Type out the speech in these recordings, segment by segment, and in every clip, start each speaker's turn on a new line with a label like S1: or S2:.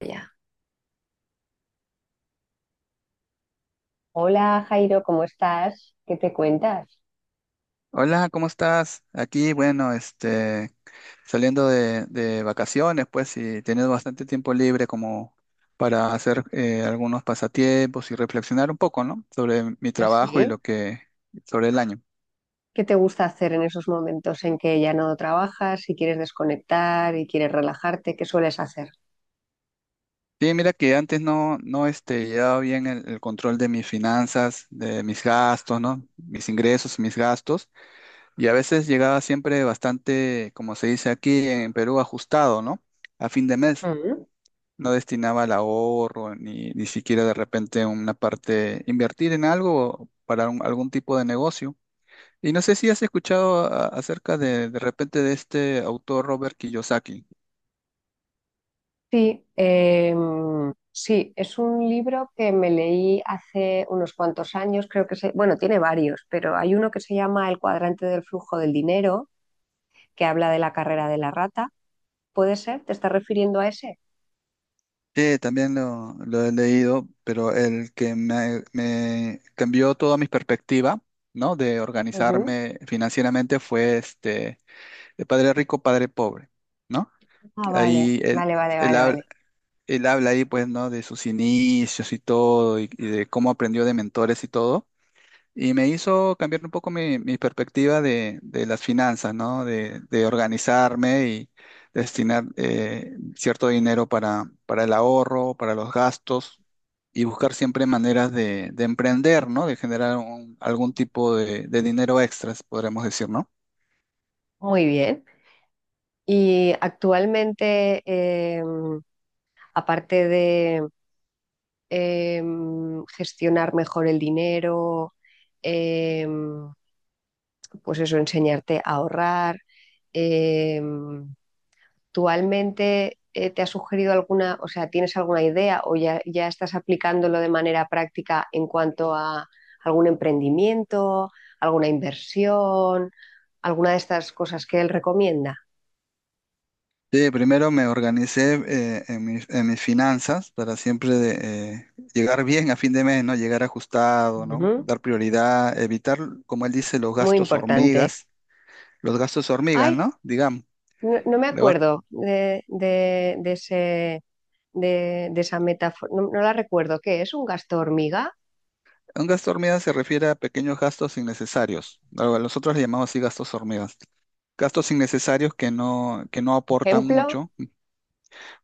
S1: Ya. Hola Jairo, ¿cómo estás? ¿Qué te cuentas?
S2: Hola, ¿cómo estás? Aquí, bueno, saliendo de vacaciones, pues, y teniendo bastante tiempo libre como para hacer algunos pasatiempos y reflexionar un poco, ¿no? Sobre mi trabajo y
S1: Así.
S2: lo que, sobre el año.
S1: ¿Qué te gusta hacer en esos momentos en que ya no trabajas y quieres desconectar y quieres relajarte? ¿Qué sueles hacer?
S2: Sí, mira que antes no, llevaba bien el control de mis finanzas, de mis gastos, ¿no? Mis ingresos y mis gastos, y a veces llegaba siempre bastante, como se dice aquí en Perú, ajustado, ¿no? A fin de mes.
S1: Mm.
S2: No destinaba al ahorro, ni siquiera de repente una parte, invertir en algo para algún tipo de negocio. Y no sé si has escuchado acerca de repente de este autor Robert Kiyosaki.
S1: Sí, sí, es un libro que me leí hace unos cuantos años, creo que bueno, tiene varios, pero hay uno que se llama El cuadrante del flujo del dinero, que habla de la carrera de la rata. ¿Puede ser? ¿Te estás refiriendo a ese?
S2: Sí, también lo he leído, pero el que me cambió toda mi perspectiva, ¿no? De
S1: Ujú.
S2: organizarme financieramente fue de Padre Rico, Padre Pobre, ¿no?
S1: Ah, vale,
S2: Ahí él,
S1: vale, vale,
S2: él
S1: vale, vale.
S2: habla ahí, pues, ¿no? De sus inicios y todo, y de cómo aprendió de mentores y todo. Y me hizo cambiar un poco mi perspectiva de las finanzas, ¿no? De organizarme y destinar cierto dinero para el ahorro, para los gastos y buscar siempre maneras de emprender, ¿no? De generar algún tipo de dinero extras, podremos decir, ¿no?
S1: Muy bien. Y actualmente, aparte de gestionar mejor el dinero, em, pues eso, enseñarte a ahorrar, em, ¿actualmente te ha sugerido alguna, o sea, tienes alguna idea o ya estás aplicándolo de manera práctica en cuanto a algún emprendimiento, alguna inversión, alguna de estas cosas que él recomienda?
S2: Sí, primero me organicé en en mis finanzas para siempre de, llegar bien a fin de mes, ¿no? Llegar ajustado, ¿no?
S1: Ujú.
S2: Dar prioridad, evitar, como él dice,
S1: Muy importante.
S2: los gastos hormigas,
S1: Ay,
S2: ¿no? Digamos,
S1: no, no me
S2: le va-
S1: acuerdo de ese, de esa metáfora, no la recuerdo. ¿Qué es? ¿Un gasto hormiga?
S2: un gasto hormiga se refiere a pequeños gastos innecesarios. Algo... Nosotros le llamamos así gastos hormigas. Gastos innecesarios que que no aportan
S1: ¿Ejemplo?
S2: mucho.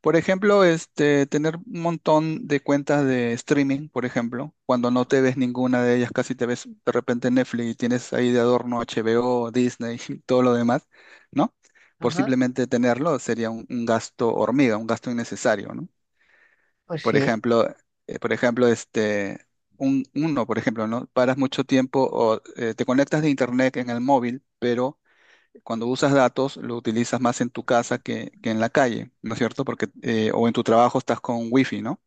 S2: Por ejemplo, tener un montón de cuentas de streaming, por ejemplo, cuando no te ves ninguna de ellas, casi te ves de repente Netflix y tienes ahí de adorno HBO, Disney y todo lo demás, ¿no? Por
S1: Ajá,
S2: simplemente tenerlo sería un gasto hormiga, un gasto innecesario, ¿no?
S1: pues
S2: Por
S1: sí.
S2: ejemplo, eh, por ejemplo, este, uno, por ejemplo, ¿no? Paras mucho tiempo o te conectas de internet en el móvil, pero cuando usas datos, lo utilizas más en tu casa que en la calle, ¿no es cierto? Porque, o en tu trabajo estás con wifi, ¿no?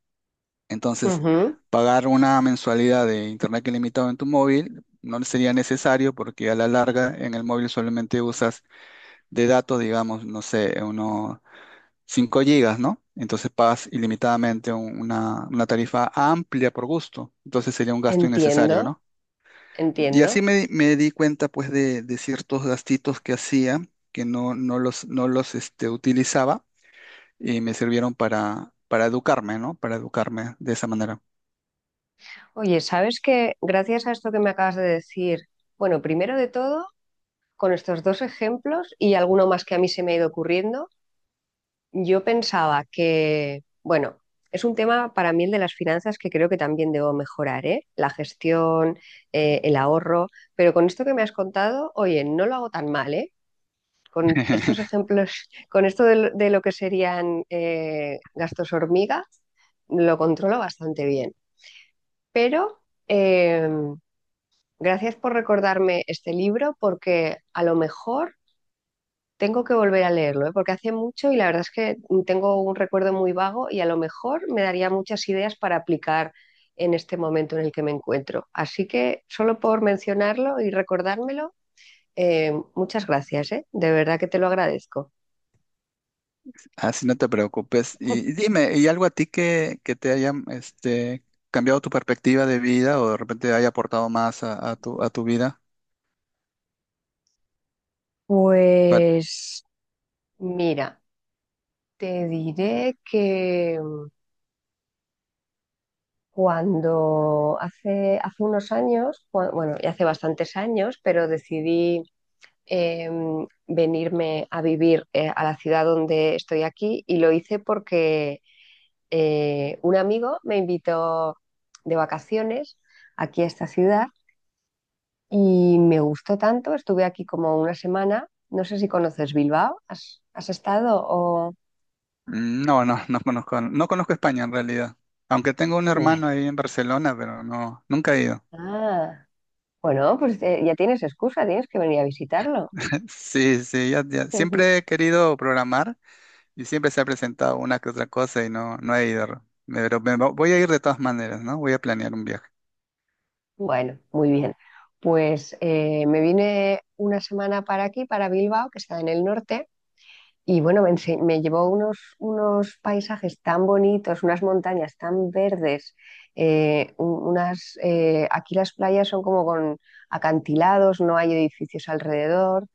S2: Entonces,
S1: Ujú.
S2: pagar una mensualidad de internet ilimitado en tu móvil no sería necesario porque a la larga en el móvil solamente usas de datos, digamos, no sé, unos 5 gigas, ¿no? Entonces pagas ilimitadamente una tarifa amplia por gusto. Entonces sería un gasto
S1: Entiendo,
S2: innecesario, ¿no? Y
S1: entiendo.
S2: así me di cuenta pues de ciertos gastitos que hacía, que no los utilizaba y me sirvieron para educarme, ¿no? Para educarme de esa manera.
S1: Oye, ¿sabes que gracias a esto que me acabas de decir, bueno, primero de todo, con estos dos ejemplos y alguno más que a mí se me ha ido ocurriendo, yo pensaba que, bueno, es un tema para mí el de las finanzas que creo que también debo mejorar, ¿eh? La gestión, el ahorro, pero con esto que me has contado, oye, no lo hago tan mal, ¿eh? Con estos ejemplos, con esto de lo que serían gastos hormiga, lo controlo bastante bien. Pero eh, gracias por recordarme este libro porque a lo mejor tengo que volver a leerlo, ¿eh? Porque hace mucho y la verdad es que tengo un recuerdo muy vago y a lo mejor me daría muchas ideas para aplicar en este momento en el que me encuentro. Así que solo por mencionarlo y recordármelo, muchas gracias, ¿eh? De verdad que te lo agradezco.
S2: Así no te preocupes. Y dime, ¿y algo a ti que te haya cambiado tu perspectiva de vida o de repente haya aportado más a tu vida? Pa-
S1: Pues mira, te diré que cuando hace unos años, bueno, ya hace bastantes años, pero decidí eh, venirme a vivir a la ciudad donde estoy aquí y lo hice porque un amigo me invitó de vacaciones aquí a esta ciudad y me gustó tanto, estuve aquí como una semana, no sé si conoces Bilbao, has estado o...?
S2: no, no conozco, no conozco España en realidad. Aunque tengo un hermano
S1: Vale.
S2: ahí en Barcelona, pero no, nunca he ido.
S1: Ah, bueno, pues ya tienes excusa, tienes que venir a visitarlo.
S2: Sí, sí, ya, ya. Siempre he querido programar y siempre se ha presentado una que otra cosa y no, no he ido. Pero voy a ir de todas maneras, ¿no? Voy a planear un viaje.
S1: Bueno, muy bien. Pues me vine una semana para aquí, para Bilbao, que está en el norte. Y bueno, me llevó unos paisajes tan bonitos, unas montañas tan verdes, unas, aquí las playas son como con acantilados, no hay edificios alrededor,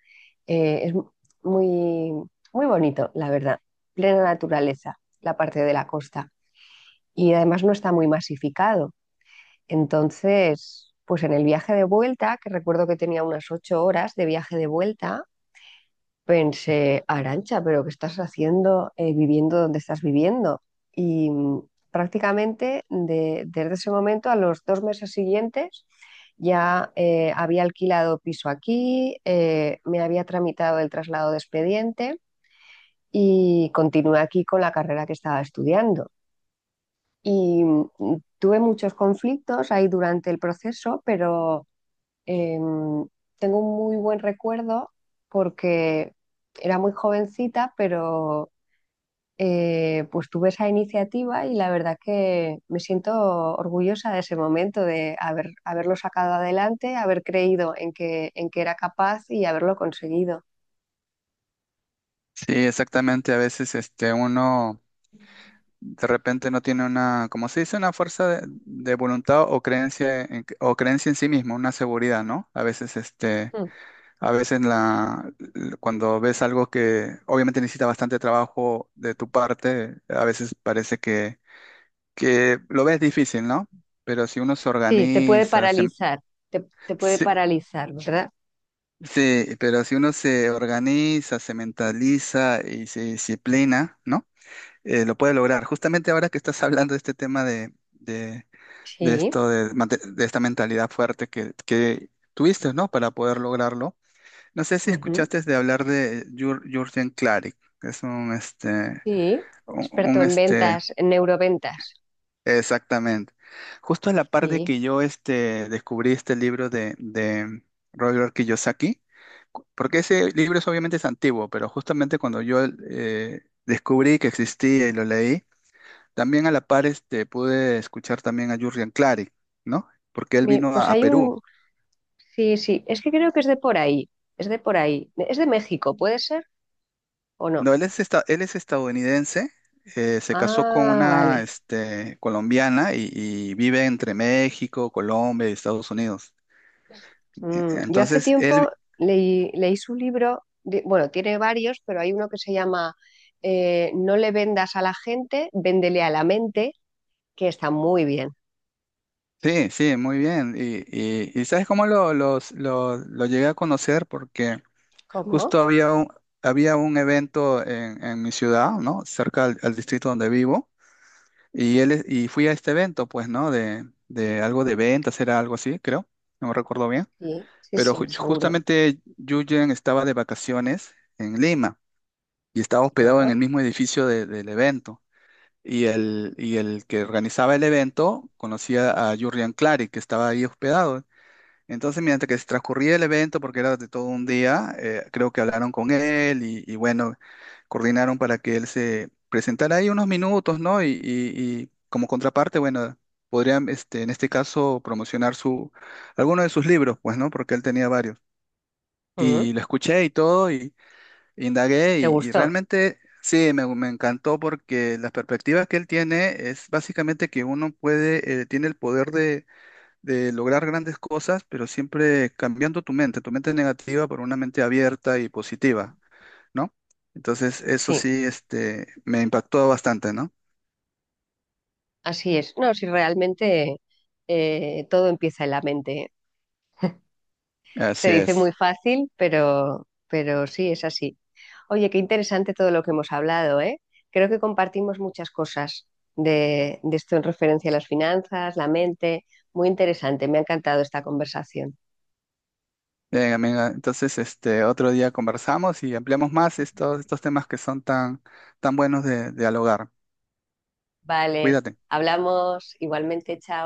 S1: eh, es mu- muy, muy bonito, la verdad, plena naturaleza, la parte de la costa. Y además no está muy masificado. Entonces, pues en el viaje de vuelta, que recuerdo que tenía unas ocho horas de viaje de vuelta, pensé, Arancha, pero ¿qué estás haciendo viviendo donde estás viviendo? Y prácticamente desde ese momento a los dos meses siguientes ya había alquilado piso aquí, me había tramitado el traslado de expediente y continué aquí con la carrera que estaba estudiando. Y tuve muchos conflictos ahí durante el proceso, pero eh, tengo un muy buen recuerdo porque era muy jovencita, pero pues tuve esa iniciativa y la verdad que me siento orgullosa de ese momento, de haberlo sacado adelante, haber creído en en que era capaz y haberlo conseguido.
S2: Sí, exactamente. A veces uno de repente no tiene una, como se dice, una fuerza de voluntad o creencia en sí mismo, una seguridad, ¿no? A veces
S1: Mm.
S2: a veces la, cuando ves algo que obviamente necesita bastante trabajo de tu parte, a veces parece que lo ves difícil, ¿no? Pero si uno se
S1: Sí, te puede
S2: organiza,
S1: paralizar, te puede
S2: se-
S1: paralizar, ¿verdad?
S2: sí, pero si uno se organiza, se mentaliza y se disciplina, ¿no? Lo puede lograr. Justamente ahora que estás hablando de este tema de
S1: Sí,
S2: esto, de, mante- de esta mentalidad fuerte que tuviste, ¿no? Para poder lograrlo. No sé si
S1: ujú.
S2: escuchaste de hablar de Jürgen Klarik, que es
S1: Sí, experto
S2: un,
S1: en
S2: este,
S1: ventas, en neuroventas.
S2: exactamente. Justo en la parte
S1: Sí.
S2: que yo descubrí este libro de Robert Kiyosaki, porque ese libro es obviamente es antiguo, pero justamente cuando yo descubrí que existía y lo leí, también a la par pude escuchar también a Jurrian Clary, ¿no? Porque él
S1: Bien,
S2: vino
S1: pues
S2: a
S1: hay
S2: Perú.
S1: un, Sí, sí, es que creo que es de por ahí, es de por ahí. ¿Es de México, puede ser o no?
S2: No, él es, él es estadounidense, se casó con
S1: Ah,
S2: una
S1: vale.
S2: colombiana y vive entre México, Colombia y Estados Unidos.
S1: Mm, yo hace
S2: Entonces,
S1: tiempo
S2: él,
S1: leí su libro, bueno, tiene varios, pero hay uno que se llama No le vendas a la gente, véndele a la mente, que está muy bien.
S2: sí, sí, muy bien. Y ¿sabes cómo lo llegué a conocer? Porque justo
S1: ¿Cómo?
S2: había había un evento en mi ciudad, ¿no? Cerca al distrito donde vivo. Y él, y fui a este evento, pues, ¿no? De algo de ventas, era algo así, creo. No me recuerdo bien.
S1: Sí, sí,
S2: Pero
S1: sí, seguro.
S2: justamente Yuyen estaba de vacaciones en Lima y estaba hospedado en
S1: Ah,
S2: el mismo edificio del evento. Y el que organizaba el evento conocía a Jurrian Clary, que estaba ahí hospedado. Entonces, mientras que se transcurría el evento, porque era de todo un día, creo que hablaron con él y bueno, coordinaron para que él se presentara ahí unos minutos, ¿no? Y como contraparte, bueno, podrían, en este caso, promocionar alguno de sus libros, pues, ¿no? Porque él tenía varios.
S1: ujú.
S2: Y lo escuché y todo, y indagué,
S1: ¿Te
S2: y
S1: gustó?
S2: realmente sí, me encantó porque las perspectivas que él tiene es básicamente que uno puede, tiene el poder de lograr grandes cosas, pero siempre cambiando tu mente negativa por una mente abierta y positiva, ¿no? Entonces, eso
S1: Sí,
S2: sí, me impactó bastante, ¿no?
S1: así es. No, si realmente todo empieza en la mente. Se
S2: Así
S1: dice muy
S2: es.
S1: fácil, pero sí, es así. Oye, qué interesante todo lo que hemos hablado, ¿eh? Creo que compartimos muchas cosas de esto en referencia a las finanzas, la mente. Muy interesante, me ha encantado esta conversación.
S2: Venga, venga, entonces, otro día conversamos y ampliamos más estos temas que son tan, tan buenos de dialogar.
S1: Vale,
S2: Cuídate.
S1: hablamos igualmente, chao.